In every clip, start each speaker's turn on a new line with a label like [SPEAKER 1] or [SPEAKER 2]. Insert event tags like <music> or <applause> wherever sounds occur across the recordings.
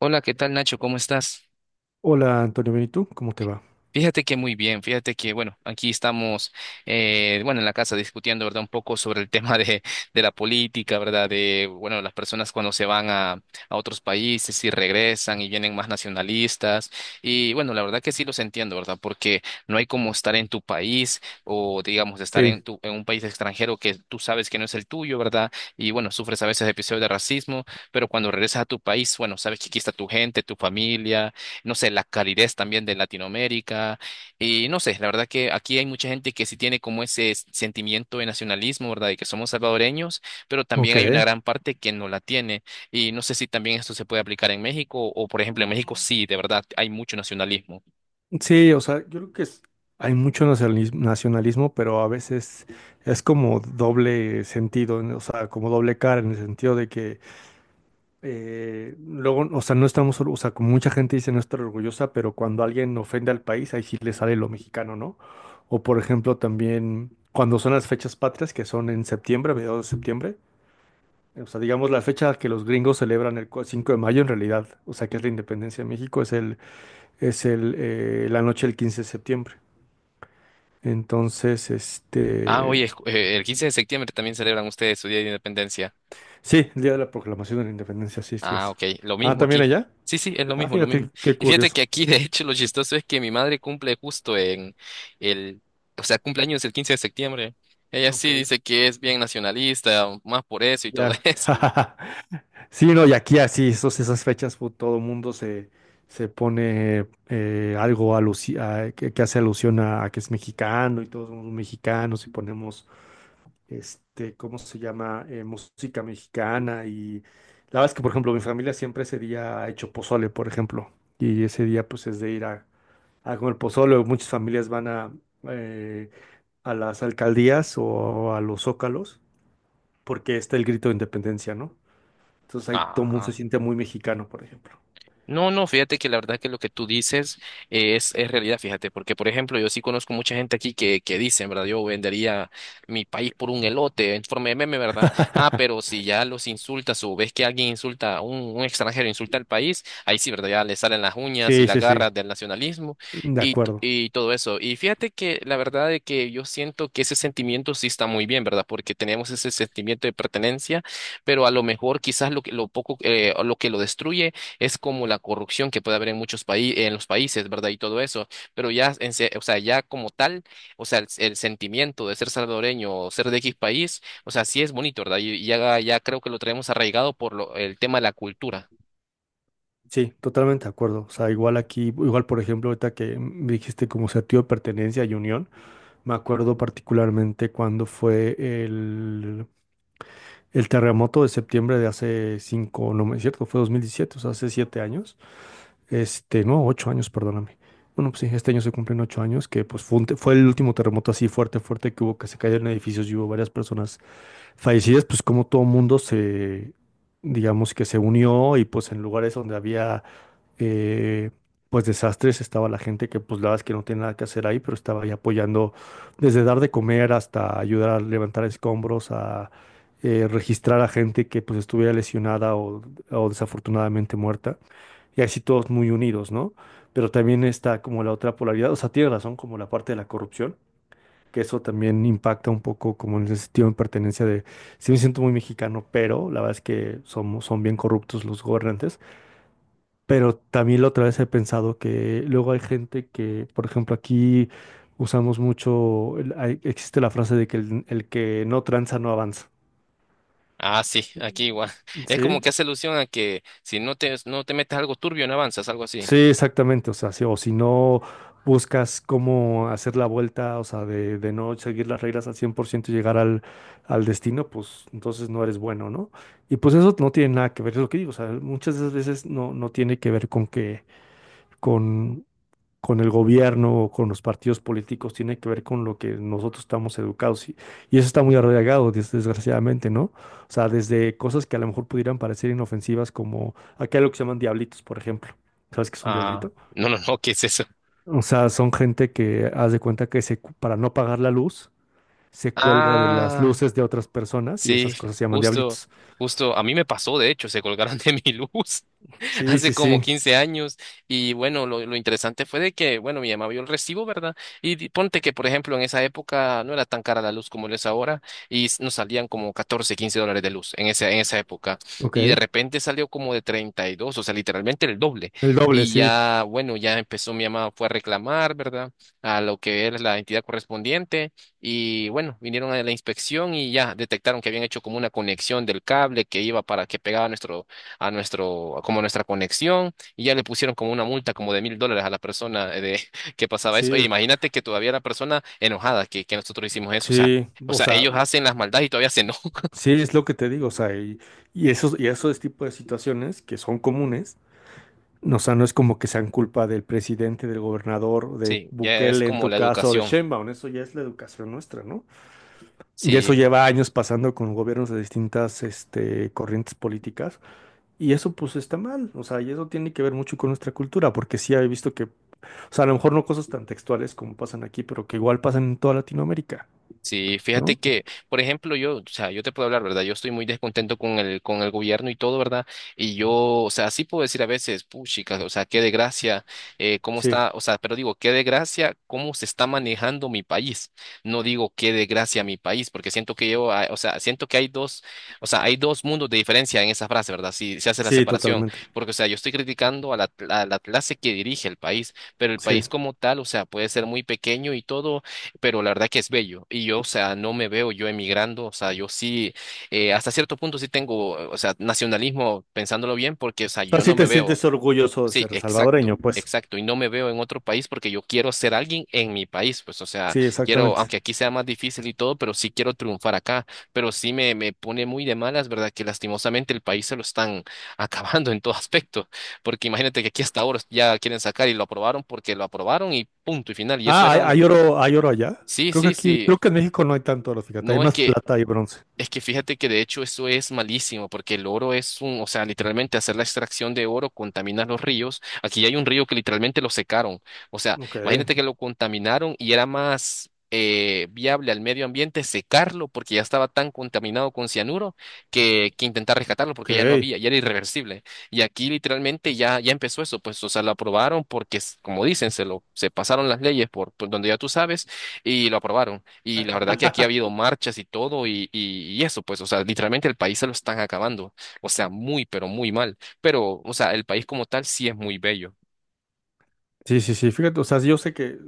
[SPEAKER 1] Hola, ¿qué tal Nacho? ¿Cómo estás?
[SPEAKER 2] Hola Antonio, bien, ¿y tú? ¿Cómo te va?
[SPEAKER 1] Fíjate que muy bien, fíjate que, bueno, aquí estamos, bueno, en la casa discutiendo, ¿verdad? Un poco sobre el <laughs> tema de la política, ¿verdad? De, bueno, las personas cuando se van a otros países y regresan y vienen más nacionalistas. Y bueno, la verdad que sí los entiendo, ¿verdad? Porque no hay como estar en tu país o, digamos, estar en,
[SPEAKER 2] Sí,
[SPEAKER 1] tu, en un país extranjero que tú sabes que no es el tuyo, ¿verdad? Y bueno, sufres a veces episodios de racismo, pero cuando regresas a tu país, bueno, sabes que aquí está tu gente, tu familia. No sé, la calidez también de Latinoamérica. Y no sé, la verdad que aquí hay mucha gente que sí tiene como ese sentimiento de nacionalismo, ¿verdad? De que somos salvadoreños, pero también
[SPEAKER 2] ok.
[SPEAKER 1] hay una gran parte que no la tiene. Y no sé si también esto se puede aplicar en México o, por ejemplo, en México sí, de verdad, hay mucho nacionalismo.
[SPEAKER 2] Sí, o sea, yo creo que hay mucho nacionalismo, pero a veces es como doble sentido, ¿no? O sea, como doble cara en el sentido de que luego, o sea, no estamos, o sea, como mucha gente dice no estar orgullosa, pero cuando alguien ofende al país, ahí sí le sale lo mexicano, ¿no? O por ejemplo, también cuando son las fechas patrias, que son en septiembre, mediados de septiembre. O sea, digamos, la fecha que los gringos celebran el 5 de mayo en realidad, o sea, que es la independencia de México, es el, la noche del 15 de septiembre. Entonces,
[SPEAKER 1] Ah,
[SPEAKER 2] este,
[SPEAKER 1] oye, el 15 de septiembre también celebran ustedes su Día de Independencia.
[SPEAKER 2] sí, el día de la proclamación de la independencia, sí, sí
[SPEAKER 1] Ah,
[SPEAKER 2] es.
[SPEAKER 1] ok, lo
[SPEAKER 2] Ah,
[SPEAKER 1] mismo
[SPEAKER 2] ¿también
[SPEAKER 1] aquí.
[SPEAKER 2] allá?
[SPEAKER 1] Sí, sí, es lo
[SPEAKER 2] Ah,
[SPEAKER 1] mismo, lo mismo.
[SPEAKER 2] fíjate, qué
[SPEAKER 1] Y fíjate
[SPEAKER 2] curioso.
[SPEAKER 1] que aquí, <laughs> de hecho, lo chistoso es que mi madre cumple justo el, o sea, cumpleaños el 15 de septiembre. Ella
[SPEAKER 2] Ok,
[SPEAKER 1] sí dice que es bien nacionalista, más por eso y todo <laughs>
[SPEAKER 2] ya.
[SPEAKER 1] eso.
[SPEAKER 2] <laughs> Sí, no, y aquí así, esas fechas, todo mundo se, se pone algo que hace alusión a que es mexicano y todos somos mexicanos y ponemos este, ¿cómo se llama? Música mexicana, y la verdad es que, por ejemplo, mi familia siempre ese día ha hecho pozole, por ejemplo, y ese día pues es de ir a comer pozole, o muchas familias van eh, a las alcaldías o a los zócalos, porque está el grito de independencia, ¿no? Entonces ahí todo el mundo se
[SPEAKER 1] Ajá.
[SPEAKER 2] siente muy mexicano, por ejemplo.
[SPEAKER 1] No, no, fíjate que la verdad que lo que tú dices, es realidad, fíjate, porque por ejemplo yo sí conozco mucha gente aquí que dicen, ¿verdad? Yo vendería mi país por un elote en forma de meme, ¿verdad? Ah, pero si ya los insultas o ves que alguien insulta, un extranjero insulta al país, ahí sí, ¿verdad? Ya le salen las uñas y
[SPEAKER 2] Sí,
[SPEAKER 1] las
[SPEAKER 2] sí, sí.
[SPEAKER 1] garras del nacionalismo
[SPEAKER 2] De
[SPEAKER 1] y, t-
[SPEAKER 2] acuerdo.
[SPEAKER 1] y todo eso. Y fíjate que la verdad de que yo siento que ese sentimiento sí está muy bien, ¿verdad? Porque tenemos ese sentimiento de pertenencia, pero a lo mejor quizás lo poco, lo que lo destruye es como la corrupción que puede haber en muchos países, en los países, ¿verdad? Y todo eso, pero ya, o sea, ya como tal, o sea, el sentimiento de ser salvadoreño o ser de X país, o sea, sí es bonito, ¿verdad? Y ya, ya creo que lo traemos arraigado por el tema de la cultura.
[SPEAKER 2] Sí, totalmente de acuerdo. O sea, igual aquí, igual por ejemplo, ahorita que me dijiste como sentido de pertenencia y unión, me acuerdo particularmente cuando fue el, el terremoto de septiembre de hace cinco, no es cierto, fue 2017, o sea, hace 7 años. Este, no, 8 años, perdóname. Bueno, pues sí, este año se cumplen 8 años, que pues fue el último terremoto así fuerte, fuerte que hubo, que se cayeron edificios y hubo varias personas fallecidas, pues como todo mundo digamos que se unió, y pues en lugares donde había eh, pues desastres, estaba la gente que pues la verdad es que no tiene nada que hacer ahí, pero estaba ahí apoyando desde dar de comer hasta ayudar a levantar escombros, a registrar a gente que pues estuviera lesionada o desafortunadamente muerta, y así todos muy unidos, ¿no? Pero también está como la otra polaridad, o sea, tiene razón como la parte de la corrupción, que eso también impacta un poco como en el sentido de pertenencia de, sí me siento muy mexicano, pero la verdad es que son bien corruptos los gobernantes, pero también la otra vez he pensado que luego hay gente que, por ejemplo, aquí usamos mucho, existe la frase de que el que no tranza no avanza.
[SPEAKER 1] Ah, sí, aquí igual. <laughs> Es como
[SPEAKER 2] ¿Sí?
[SPEAKER 1] que hace alusión a que si no te, no te metes algo turbio, no avanzas, algo así.
[SPEAKER 2] Sí, exactamente. O sea, o si no buscas cómo hacer la vuelta, o sea, de no seguir las reglas al 100% y llegar al destino, pues entonces no eres bueno, ¿no? Y pues eso no tiene nada que ver, es lo que digo. O sea, muchas de esas veces no tiene que ver con que, con con el gobierno o con los partidos políticos, tiene que ver con lo que nosotros estamos educados. Y eso está muy arraigado, desgraciadamente, ¿no? O sea, desde cosas que a lo mejor pudieran parecer inofensivas, como acá hay lo que se llaman diablitos, por ejemplo. ¿Sabes qué es un
[SPEAKER 1] Ah,
[SPEAKER 2] diablito?
[SPEAKER 1] no, no, no, ¿qué es eso?
[SPEAKER 2] O sea, son gente que haz de cuenta que para no pagar la luz, se cuelga de las
[SPEAKER 1] Ah,
[SPEAKER 2] luces de otras personas, y
[SPEAKER 1] sí,
[SPEAKER 2] esas cosas se llaman
[SPEAKER 1] justo,
[SPEAKER 2] diablitos.
[SPEAKER 1] justo, a mí me pasó, de hecho, se colgaron <laughs> de mi luz. <laughs>
[SPEAKER 2] Sí,
[SPEAKER 1] Hace
[SPEAKER 2] sí,
[SPEAKER 1] como
[SPEAKER 2] sí.
[SPEAKER 1] 15 años. Y bueno, lo interesante fue de que, bueno, mi mamá vio el recibo, ¿verdad? Y ponte que, por ejemplo, en esa época no era tan cara la luz como lo es ahora y nos salían como 14 $15 de luz en esa época. Y de
[SPEAKER 2] Ok.
[SPEAKER 1] repente salió como de 32, o sea, literalmente el doble.
[SPEAKER 2] El doble,
[SPEAKER 1] Y
[SPEAKER 2] sí.
[SPEAKER 1] ya, bueno, ya empezó mi mamá, fue a reclamar, ¿verdad? A lo que es la entidad correspondiente. Y bueno, vinieron a la inspección y ya detectaron que habían hecho como una conexión del cable que iba para que pegaba nuestro a nuestro, como nuestra conexión, y ya le pusieron como una multa como de $1,000 a la persona, de <laughs> que pasaba eso. Oye,
[SPEAKER 2] Sí,
[SPEAKER 1] imagínate que todavía la persona enojada que nosotros hicimos eso,
[SPEAKER 2] sí.
[SPEAKER 1] o
[SPEAKER 2] O
[SPEAKER 1] sea,
[SPEAKER 2] sea,
[SPEAKER 1] ellos hacen las maldades y todavía se enojan. <laughs>
[SPEAKER 2] sí, es lo que te digo, o sea, y esos tipos de situaciones que son comunes, no, o sea, no es como que sean culpa del presidente, del gobernador, de
[SPEAKER 1] Sí, ya es
[SPEAKER 2] Bukele en
[SPEAKER 1] como
[SPEAKER 2] tu
[SPEAKER 1] la
[SPEAKER 2] caso, o de
[SPEAKER 1] educación.
[SPEAKER 2] Sheinbaum, eso ya es la educación nuestra, ¿no? Y eso
[SPEAKER 1] Sí.
[SPEAKER 2] lleva años pasando con gobiernos de distintas, este, corrientes políticas, y eso pues está mal, o sea, y eso tiene que ver mucho con nuestra cultura, porque sí he visto que, o sea, a lo mejor no cosas tan textuales como pasan aquí, pero que igual pasan en toda Latinoamérica,
[SPEAKER 1] Sí,
[SPEAKER 2] ¿no?
[SPEAKER 1] fíjate que, por ejemplo, yo, o sea, yo te puedo hablar, ¿verdad? Yo estoy muy descontento con con el gobierno y todo, ¿verdad? Y yo, o sea, sí puedo decir a veces, puchica, o sea, qué desgracia, cómo
[SPEAKER 2] Sí,
[SPEAKER 1] está, o sea, pero digo, qué desgracia, cómo se está manejando mi país. No digo qué desgracia mi país, porque siento que yo, ah, o sea, siento que hay dos, o sea, hay dos mundos de diferencia en esa frase, ¿verdad? Si se hace la
[SPEAKER 2] sí,
[SPEAKER 1] separación,
[SPEAKER 2] totalmente,
[SPEAKER 1] porque, o sea, yo estoy criticando a la clase que dirige el país, pero el
[SPEAKER 2] sí.
[SPEAKER 1] país como tal, o sea, puede ser muy pequeño y todo, pero la verdad que es bello. Y yo, o sea, no me veo yo emigrando, o sea, yo sí, hasta cierto punto sí tengo, o sea, nacionalismo, pensándolo bien, porque, o sea,
[SPEAKER 2] Sea,
[SPEAKER 1] yo
[SPEAKER 2] sí
[SPEAKER 1] no me
[SPEAKER 2] te
[SPEAKER 1] veo,
[SPEAKER 2] sientes orgulloso de
[SPEAKER 1] sí,
[SPEAKER 2] ser salvadoreño,
[SPEAKER 1] exacto,
[SPEAKER 2] pues.
[SPEAKER 1] exacto, y no me veo en otro país porque yo quiero ser alguien en mi país, pues, o sea,
[SPEAKER 2] Sí,
[SPEAKER 1] quiero,
[SPEAKER 2] exactamente.
[SPEAKER 1] aunque aquí sea más difícil y todo, pero sí quiero triunfar acá, pero sí me pone muy de malas, ¿verdad? Que lastimosamente el país se lo están <laughs> acabando en todo aspecto, porque imagínate que aquí hasta ahora ya quieren sacar y lo aprobaron porque lo aprobaron y punto y final, y eso
[SPEAKER 2] Ah, hay,
[SPEAKER 1] era una...
[SPEAKER 2] hay oro, hay oro allá.
[SPEAKER 1] Sí,
[SPEAKER 2] Creo que
[SPEAKER 1] sí,
[SPEAKER 2] aquí,
[SPEAKER 1] sí,
[SPEAKER 2] creo que en México no hay tanto oro, fíjate, hay
[SPEAKER 1] no, es
[SPEAKER 2] más
[SPEAKER 1] que,
[SPEAKER 2] plata y bronce.
[SPEAKER 1] es que fíjate que de hecho eso es malísimo, porque el oro es o sea, literalmente hacer la extracción de oro contamina los ríos. Aquí hay un río que literalmente lo secaron. O sea,
[SPEAKER 2] Ok,
[SPEAKER 1] imagínate que lo contaminaron y era más, viable al medio ambiente secarlo porque ya estaba tan contaminado con cianuro que intentar rescatarlo
[SPEAKER 2] ok.
[SPEAKER 1] porque ya no había, ya era irreversible. Y aquí literalmente ya, ya empezó eso, pues, o sea, lo aprobaron porque, como dicen, se pasaron las leyes por donde ya tú sabes y lo aprobaron. Y la verdad que aquí ha habido marchas y todo y eso, pues, o sea, literalmente el país se lo están acabando. O sea, muy, pero muy mal. Pero, o sea, el país como tal sí es muy bello.
[SPEAKER 2] Sí, sí, sí, fíjate, o sea, yo sé que,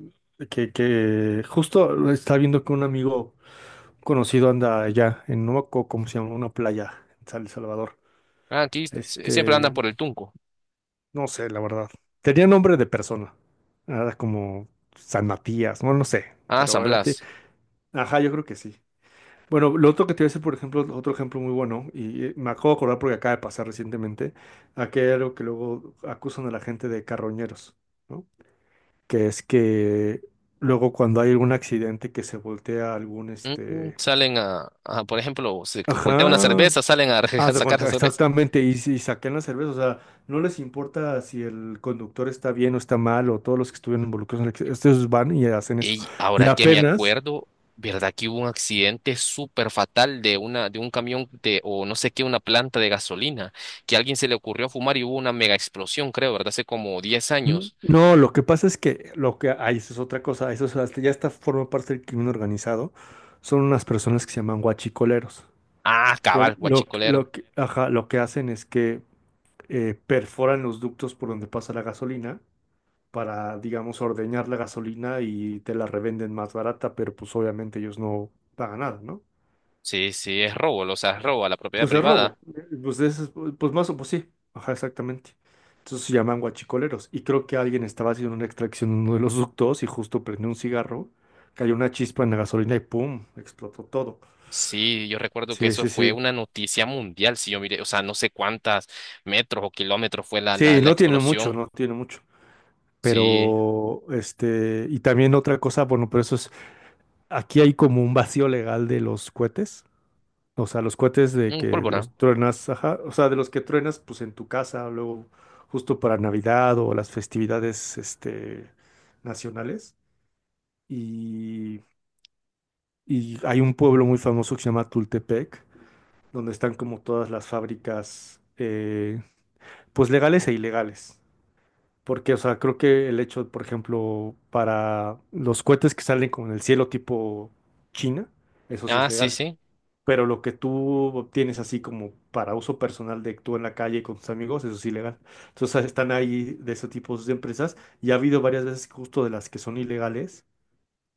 [SPEAKER 2] que, que justo está viendo que un amigo conocido anda allá en Nuevo, ¿cómo se llama? Una playa en San Salvador.
[SPEAKER 1] Ah, aquí siempre andan
[SPEAKER 2] Este,
[SPEAKER 1] por el Tunco.
[SPEAKER 2] no sé, la verdad. Tenía nombre de persona. Era como San Matías, no, no sé,
[SPEAKER 1] Ah, San
[SPEAKER 2] pero era...
[SPEAKER 1] Blas.
[SPEAKER 2] Ajá, yo creo que sí. Bueno, lo otro que te voy a decir, por ejemplo, otro ejemplo muy bueno, y me acabo de acordar porque acaba de pasar recientemente aquí, que luego acusan a la gente de carroñeros, ¿no? Que es que luego cuando hay algún accidente que se voltea algún, este...
[SPEAKER 1] Salen por ejemplo, se voltea una
[SPEAKER 2] Ajá,
[SPEAKER 1] cerveza, salen a, <laughs> a
[SPEAKER 2] haz de
[SPEAKER 1] sacar la
[SPEAKER 2] cuenta,
[SPEAKER 1] cerveza.
[SPEAKER 2] exactamente, y si saquean la cerveza, o sea, no les importa si el conductor está bien o está mal, o todos los que estuvieron involucrados en el accidente, estos van y hacen eso.
[SPEAKER 1] Y
[SPEAKER 2] Y
[SPEAKER 1] ahora que me
[SPEAKER 2] apenas...
[SPEAKER 1] acuerdo, ¿verdad que hubo un accidente súper fatal de una, de un camión de, o no sé qué, una planta de gasolina, que a alguien se le ocurrió fumar y hubo una mega explosión, creo, ¿verdad? Hace como diez años.
[SPEAKER 2] No, lo que pasa es que lo que ahí eso es otra cosa, eso es ya está forma parte del crimen organizado. Son unas personas que se llaman guachicoleros,
[SPEAKER 1] Ah, cabal, guachicolero.
[SPEAKER 2] lo que, ajá, lo que hacen es que perforan los ductos por donde pasa la gasolina para, digamos, ordeñar la gasolina y te la revenden más barata, pero pues obviamente ellos no pagan nada, ¿no?
[SPEAKER 1] Sí, sí, es robo, o sea, es robo a la propiedad
[SPEAKER 2] Pues el
[SPEAKER 1] privada.
[SPEAKER 2] robo, pues, es, pues más o pues sí, ajá, exactamente. Entonces se llaman guachicoleros. Y creo que alguien estaba haciendo una extracción en uno de los ductos y justo prendió un cigarro, cayó una chispa en la gasolina y ¡pum! Explotó todo.
[SPEAKER 1] Sí, yo recuerdo que
[SPEAKER 2] Sí,
[SPEAKER 1] eso
[SPEAKER 2] sí,
[SPEAKER 1] fue
[SPEAKER 2] sí.
[SPEAKER 1] una noticia mundial, si yo miré, o sea, no sé cuántas metros o kilómetros fue la, la,
[SPEAKER 2] Sí,
[SPEAKER 1] la
[SPEAKER 2] no tiene mucho,
[SPEAKER 1] explosión.
[SPEAKER 2] no tiene mucho.
[SPEAKER 1] Sí,
[SPEAKER 2] Pero, este, y también otra cosa, bueno, pero eso es, aquí hay como un vacío legal de los cohetes. O sea, los cohetes de que
[SPEAKER 1] pólvora.
[SPEAKER 2] los truenas, ajá, o sea, de los que truenas, pues en tu casa, luego justo para Navidad o las festividades, este, nacionales. Y, y hay un pueblo muy famoso que se llama Tultepec, donde están como todas las fábricas, pues legales e ilegales. Porque, o sea, creo que el hecho, por ejemplo, para los cohetes que salen como en el cielo tipo China, eso sí es
[SPEAKER 1] Ah, sí,
[SPEAKER 2] legal,
[SPEAKER 1] sí.
[SPEAKER 2] pero lo que tú obtienes así como para uso personal de tú en la calle con tus amigos, eso es ilegal. Entonces están ahí de esos tipos de empresas y ha habido varias veces justo de las que son ilegales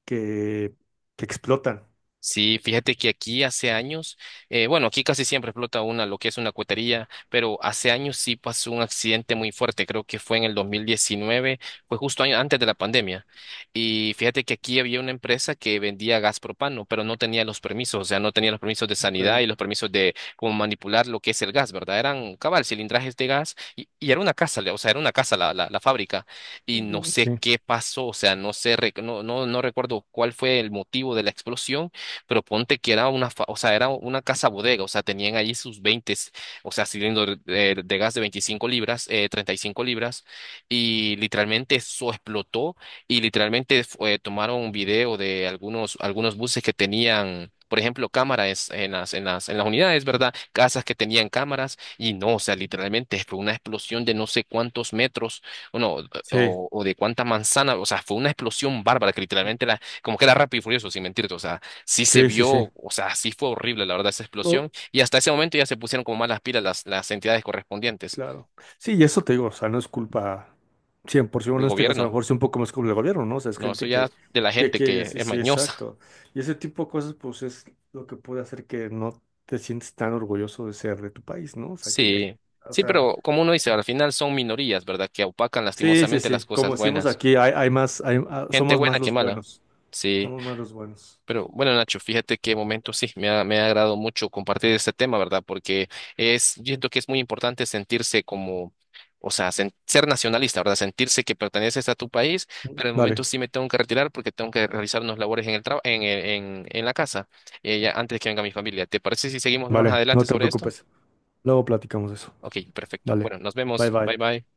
[SPEAKER 2] que, que explotan.
[SPEAKER 1] Sí, fíjate que aquí hace años, bueno, aquí casi siempre explota una, lo que es una cuetería, pero hace años sí pasó un accidente muy fuerte, creo que fue en el 2019, pues justo antes de la pandemia. Y fíjate que aquí había una empresa que vendía gas propano, pero no tenía los permisos, o sea, no tenía los permisos de sanidad y
[SPEAKER 2] Ok.
[SPEAKER 1] los permisos de cómo manipular lo que es el gas, ¿verdad? Eran cabal, cilindrajes de gas y era una casa, o sea, era una casa la fábrica, y no
[SPEAKER 2] Mm,
[SPEAKER 1] sé
[SPEAKER 2] sí,
[SPEAKER 1] qué pasó, o sea, no sé, no, no, no recuerdo cuál fue el motivo de la explosión, pero ponte que era o sea, era una casa bodega, o sea, tenían allí sus 20, o sea, cilindros de gas de 25 libras, 35 libras, y literalmente eso explotó, y literalmente tomaron un video de algunos buses que tenían... Por ejemplo, cámaras en las unidades, ¿verdad? Casas que tenían cámaras y no, o sea, literalmente fue una explosión de no sé cuántos metros, o no,
[SPEAKER 2] sí,
[SPEAKER 1] o de cuántas manzanas, o sea, fue una explosión bárbara que literalmente como que era rápido y furioso, sin mentirte, o sea sí se
[SPEAKER 2] sí, sí,
[SPEAKER 1] vio,
[SPEAKER 2] sí.
[SPEAKER 1] o sea, sí fue horrible, la verdad, esa
[SPEAKER 2] O,
[SPEAKER 1] explosión. Y hasta ese momento ya se pusieron como más las pilas las entidades correspondientes
[SPEAKER 2] claro. Sí, y eso te digo, o sea, no es culpa 100%,
[SPEAKER 1] del
[SPEAKER 2] en este caso a lo
[SPEAKER 1] gobierno.
[SPEAKER 2] mejor sí un poco más como el gobierno, ¿no? O sea, es
[SPEAKER 1] No, eso
[SPEAKER 2] gente
[SPEAKER 1] ya
[SPEAKER 2] que,
[SPEAKER 1] de la
[SPEAKER 2] que
[SPEAKER 1] gente
[SPEAKER 2] quiere,
[SPEAKER 1] que
[SPEAKER 2] sí,
[SPEAKER 1] es
[SPEAKER 2] sí,
[SPEAKER 1] mañosa. <laughs>
[SPEAKER 2] exacto. Y ese tipo de cosas, pues es lo que puede hacer que no te sientes tan orgulloso de ser de tu país, ¿no? O sea, que digas,
[SPEAKER 1] Sí,
[SPEAKER 2] o
[SPEAKER 1] sí,
[SPEAKER 2] sea,
[SPEAKER 1] pero como uno dice, al final son minorías, ¿verdad? Que opacan
[SPEAKER 2] sí, sí,
[SPEAKER 1] lastimosamente las
[SPEAKER 2] sí, como
[SPEAKER 1] cosas
[SPEAKER 2] decimos
[SPEAKER 1] buenas.
[SPEAKER 2] aquí, hay más,
[SPEAKER 1] Gente
[SPEAKER 2] somos
[SPEAKER 1] buena
[SPEAKER 2] más
[SPEAKER 1] que
[SPEAKER 2] los
[SPEAKER 1] mala.
[SPEAKER 2] buenos,
[SPEAKER 1] Sí.
[SPEAKER 2] somos más los buenos.
[SPEAKER 1] Pero bueno, Nacho, fíjate qué momento, sí, me ha agradado mucho compartir este tema, ¿verdad? Porque es, yo siento que es muy importante sentirse como, o sea, ser nacionalista, ¿verdad? Sentirse que perteneces a tu país, pero en el
[SPEAKER 2] Vale,
[SPEAKER 1] momento sí me tengo que retirar porque tengo que realizar unos labores en el traba- en, el- en la casa, ya antes que venga mi familia. ¿Te parece si seguimos más
[SPEAKER 2] vale,
[SPEAKER 1] adelante
[SPEAKER 2] no te
[SPEAKER 1] sobre esto?
[SPEAKER 2] preocupes. Luego platicamos de eso.
[SPEAKER 1] Ok, perfecto.
[SPEAKER 2] Vale,
[SPEAKER 1] Bueno, nos
[SPEAKER 2] bye
[SPEAKER 1] vemos. Bye
[SPEAKER 2] bye.
[SPEAKER 1] bye.